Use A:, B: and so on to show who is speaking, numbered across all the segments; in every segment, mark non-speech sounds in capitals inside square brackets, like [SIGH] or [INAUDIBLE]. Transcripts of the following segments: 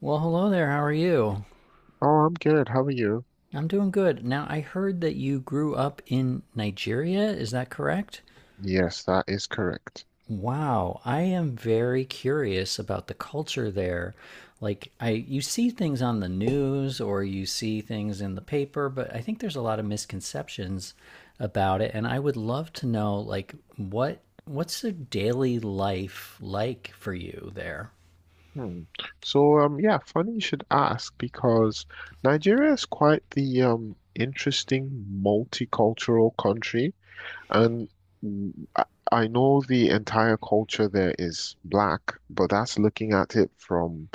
A: Well, hello there. How are you?
B: Oh, I'm good. How are you?
A: I'm doing good. Now, I heard that you grew up in Nigeria. Is that correct?
B: Yes, that is correct.
A: Wow, I am very curious about the culture there. Like I You see things on the news or you see things in the paper, but I think there's a lot of misconceptions about it and I would love to know, like what's the daily life like for you there?
B: Hmm. So, yeah, funny you should ask because Nigeria is quite the interesting multicultural country, and mm, I I know the entire culture there is black, but that's looking at it from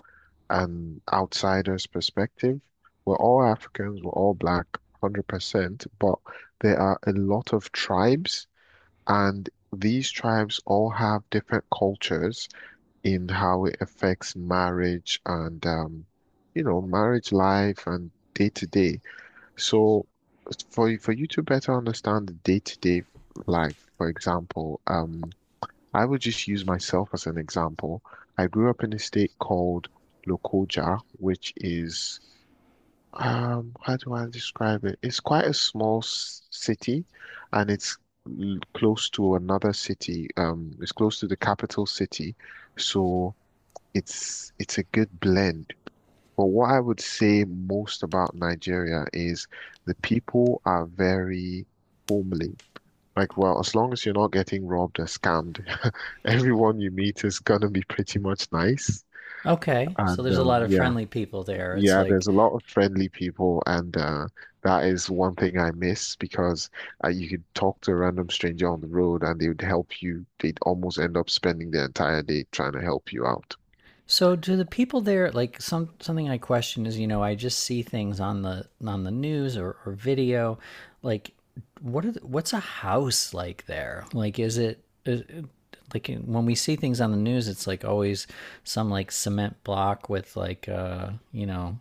B: an outsider's perspective. We're all Africans, we're all black, 100%, but there are a lot of tribes. And these tribes all have different cultures in how it affects marriage and, marriage life and day to day. So for you to better understand the day to day life, for example, I would just use myself as an example. I grew up in a state called Lokoja, which is, how do I describe it? It's quite a small s city, and it's close to another city. It's close to the capital city. So it's a good blend. But what I would say most about Nigeria is the people are very homely. Like, well, as long as you're not getting robbed or scammed, [LAUGHS] everyone you meet is gonna be pretty much nice.
A: Okay, so
B: And,
A: there's a lot of
B: yeah.
A: friendly people there. It's
B: Yeah, there's
A: like.
B: a lot of friendly people, and that is one thing I miss because you could talk to a random stranger on the road and they would help you. They'd almost end up spending the entire day trying to help you out.
A: So do the people there like something I question is, you know, I just see things on the, on the news, or video. Like what are the, what's a house like there? Like is it, like when we see things on the news, it's like always some like cement block with like, you know,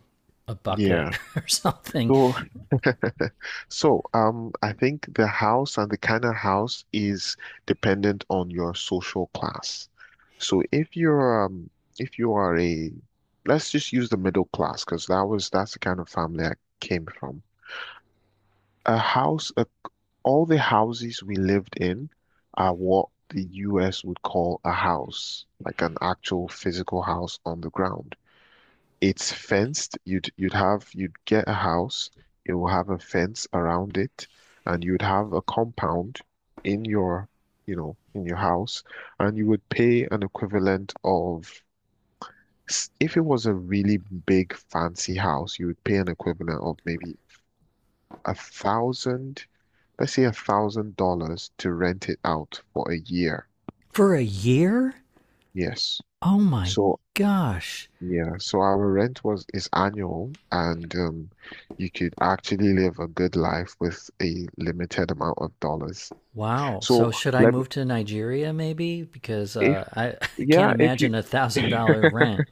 A: a bucket
B: Yeah.
A: [LAUGHS] or something.
B: So, [LAUGHS] I think the house and the kind of house is dependent on your social class. So if you're if you are a, let's just use the middle class because that's the kind of family I came from. A house, uh, all the houses we lived in are what the US would call a house, like an actual physical house on the ground. It's fenced. You'd get a house. It will have a fence around it, and you'd have a compound in your, in your house, and you would pay an equivalent of, if it was a really big fancy house, you would pay an equivalent of maybe a thousand, let's say $1,000 to rent it out for a year.
A: For a year?
B: Yes.
A: Oh my
B: So
A: gosh.
B: Yeah, so our rent was is annual, and you could actually live a good life with a limited amount of dollars.
A: Wow. So
B: So
A: should I
B: let me,
A: move to Nigeria maybe? Because
B: if
A: I, [LAUGHS] I can't
B: yeah, if you
A: imagine a $1,000
B: [LAUGHS]
A: rent.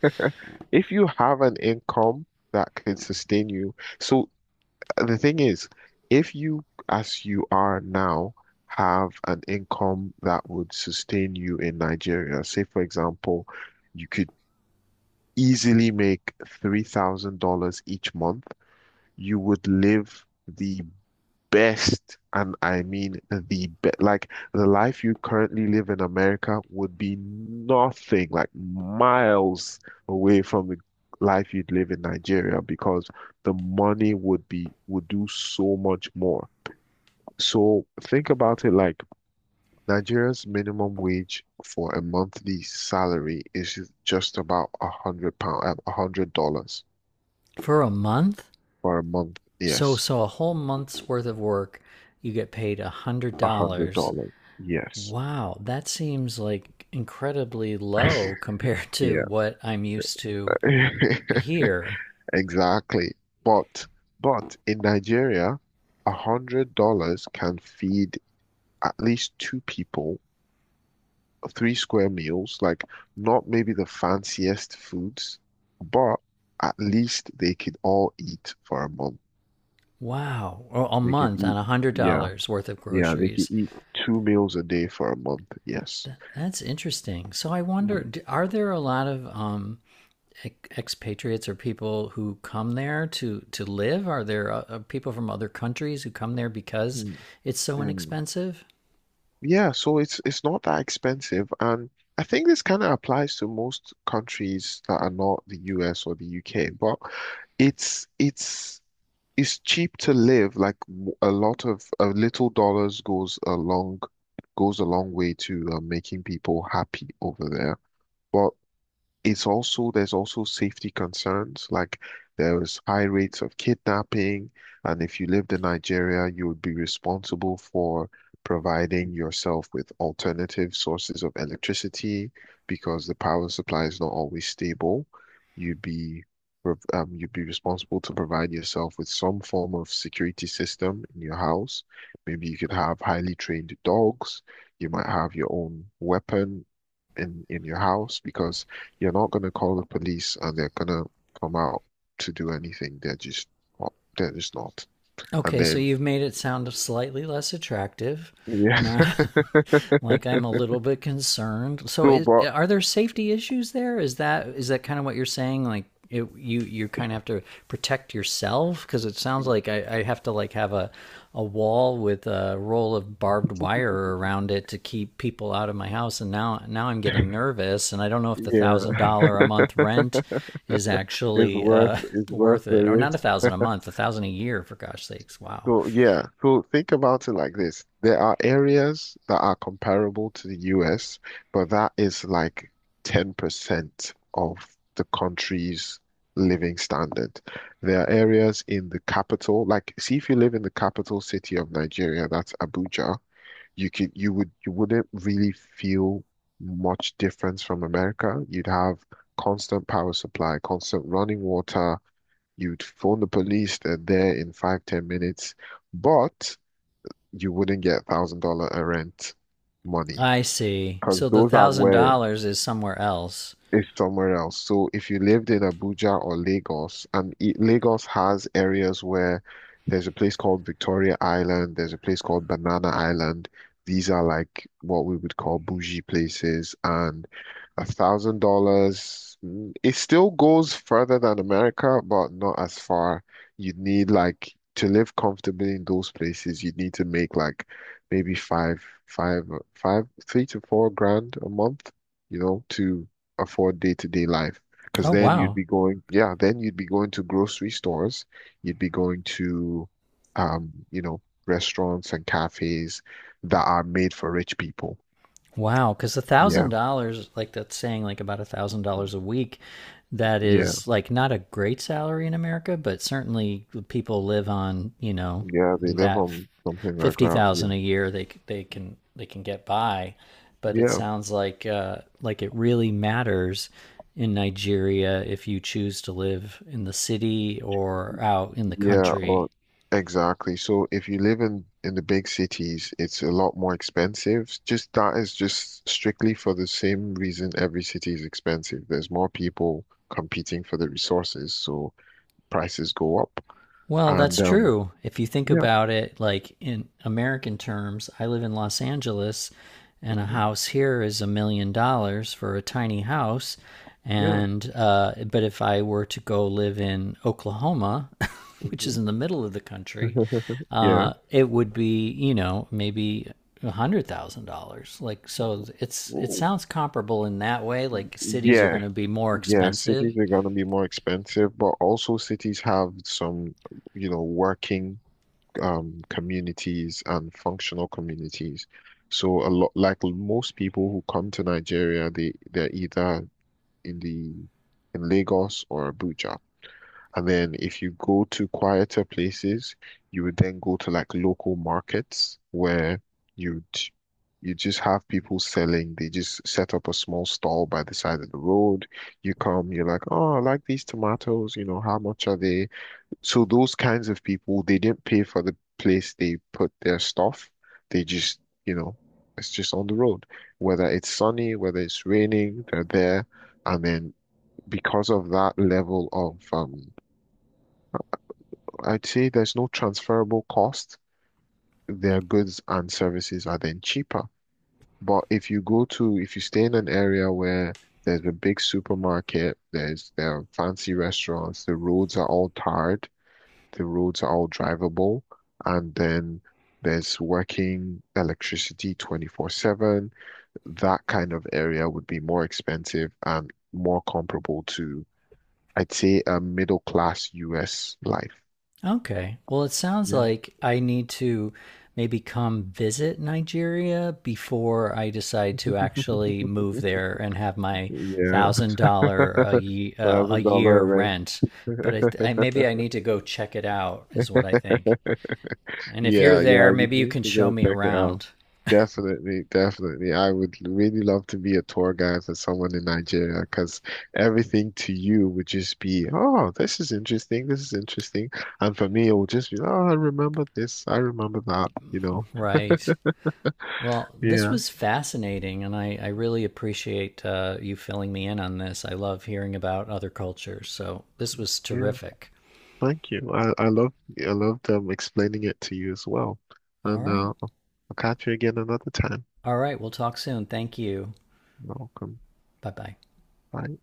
B: if you have an income that could sustain you. So the thing is, if you, as you are now, have an income that would sustain you in Nigeria, say for example, you could easily make $3,000 each month. You would live the best, and I mean the best. Like, the life you currently live in America would be nothing, like miles away from the life you'd live in Nigeria because the money would do so much more. So think about it like Nigeria's minimum wage for a monthly salary is just about £100, $100
A: For a month.
B: for a month.
A: So
B: Yes,
A: so a whole month's worth of work, you get paid a hundred
B: a hundred
A: dollars.
B: dollars. Yes.
A: Wow, that seems like incredibly low [LAUGHS] compared to
B: Yeah,
A: what I'm used to
B: [LAUGHS]
A: here.
B: exactly. But but in Nigeria, $100 can feed at least two people three square meals, like, not maybe the fanciest foods, but at least they could all eat for a month.
A: Wow, a
B: They could
A: month on
B: eat,
A: a hundred
B: yeah,
A: dollars worth of
B: yeah, they
A: groceries.
B: could eat two meals a day for a month. Yes.
A: That's interesting. So I
B: Yeah.
A: wonder, are there a lot of expatriates or people who come there to live? Are there people from other countries who come there because
B: Mm,
A: it's so
B: mm.
A: inexpensive?
B: Yeah, so it's not that expensive, and I think this kind of applies to most countries that are not the US or the UK, but it's it's it's cheap to live. Like, a lot of a little dollars goes a long way to, making people happy over there. But it's also there's also safety concerns. Like, there's high rates of kidnapping, and if you lived in Nigeria you would be responsible for providing yourself with alternative sources of electricity because the power supply is not always stable. You'd be prov- um, you'd be responsible to provide yourself with some form of security system in your house. Maybe you could have highly trained dogs. You might have your own weapon in your house, because you're not going to call the police and they're going to come out to do anything. They're just not. They're just not. And
A: Okay, so
B: then,
A: you've made it sound slightly less attractive.
B: yeah. [LAUGHS]
A: Now, [LAUGHS] like I'm a little bit concerned. So,
B: So,
A: is,
B: but
A: are there safety issues there? Is that kind of what you're saying? Like, it, you kind of have to protect yourself, because it sounds like I have to like have a wall with a roll of barbed wire around it to keep people out of my house, and now I'm getting nervous, and I don't know if the thousand
B: yeah,
A: dollar a month rent is
B: it's
A: actually
B: worth
A: [LAUGHS]
B: it's worth
A: worth
B: the
A: it. Or not, a
B: risk.
A: thousand a month, a thousand a year, for gosh sakes. Wow.
B: So yeah, so think about it like this. There are areas that are comparable to the US, but that is like 10% of the country's living standard. There are areas in the capital, like, see, if you live in the capital city of Nigeria, that's Abuja, you wouldn't really feel much difference from America. You'd have constant power supply, constant running water. You'd phone the police, they're there in 5, 10 minutes, but you wouldn't get $1,000 a rent money
A: I see,
B: because
A: so the
B: those are
A: thousand
B: where,
A: dollars is somewhere else.
B: is somewhere else. So if you lived in Abuja or Lagos, and Lagos has areas where there's a place called Victoria Island, there's a place called Banana Island. These are like what we would call bougie places, and $1,000, it still goes further than America, but not as far. You'd need, like, to live comfortably in those places. You'd need to make like maybe 3 to 4 grand a month, to afford day-to-day life. Because
A: Oh
B: then you'd
A: wow.
B: be going, yeah, then you'd be going to grocery stores, you'd be going to, um, you know, restaurants and cafes that are made for rich people.
A: Wow, because a
B: Yeah,
A: thousand dollars, like that's saying like about $1,000 a week, that
B: yeah,
A: is like not a great salary in America, but certainly people live on, you know,
B: yeah. They live
A: that
B: on something like
A: fifty
B: that. Yeah,
A: thousand a year, they they can get by. But it
B: yeah.
A: sounds like it really matters in Nigeria if you choose to live in the city or out in the
B: Yeah,
A: country.
B: or exactly. So if you live in the big cities, it's a lot more expensive. Just, that is just strictly for the same reason every city is expensive. There's more people competing for the resources, so prices go up.
A: Well, that's
B: And
A: true. If you think
B: Yeah.
A: about it, like in American terms, I live in Los Angeles, and a
B: Hmm,
A: house here is $1 million for a tiny house.
B: yeah.
A: And, but if I were to go live in Oklahoma, [LAUGHS] which
B: Hmm,
A: is in the middle of the country,
B: yeah.
A: it would be, you know, maybe $100,000. Like, so it's, it
B: Ooh.
A: sounds comparable in that way. Like cities are
B: Yeah,
A: going to be more
B: yeah.
A: expensive.
B: Cities are gonna be more expensive, but also cities have some, working, communities and functional communities. So, a lot like most people who come to Nigeria, they're either in the in Lagos or Abuja. And then if you go to quieter places, you would then go to like local markets where you'd you just have people selling. They just set up a small stall by the side of the road. You come, you're like, oh, I like these tomatoes, how much are they? So those kinds of people, they didn't pay for the place they put their stuff. They just, you know, it's just on the road. Whether it's sunny, whether it's raining, they're there. And then because of that level of, I'd say there's no transferable cost. Their goods and services are then cheaper. But if you stay in an area where there's a big supermarket, there are fancy restaurants, the roads are all tarred. The roads are all drivable. And then there's working electricity 24/7. That kind of area would be more expensive and more comparable to, I'd say, a middle class US life.
A: Okay. Well, it sounds
B: Yeah.
A: like I need to maybe come visit Nigeria before I decide to actually move
B: [LAUGHS]
A: there and have my
B: Yeah,
A: $1,000 a a
B: thousand
A: year
B: dollar
A: rent. But I, I maybe I need to go check it out, is what I think. And if you're
B: Yeah, yeah,
A: there,
B: you
A: maybe you
B: need
A: can
B: to
A: show
B: go
A: me
B: check it out.
A: around.
B: Definitely, definitely. I would really love to be a tour guide for someone in Nigeria because everything to you would just be, oh, this is interesting, this is interesting. And for me, it would just be, oh, I remember this, I remember that.
A: Right. Well, this
B: Yeah,
A: was fascinating, and I really appreciate you filling me in on this. I love hearing about other cultures, so this was
B: yeah.
A: terrific.
B: Thank you. I love them explaining it to you as well.
A: All
B: And,
A: right.
B: I'll catch you again another time.
A: All right. We'll talk soon. Thank you.
B: Welcome.
A: Bye bye.
B: Bye.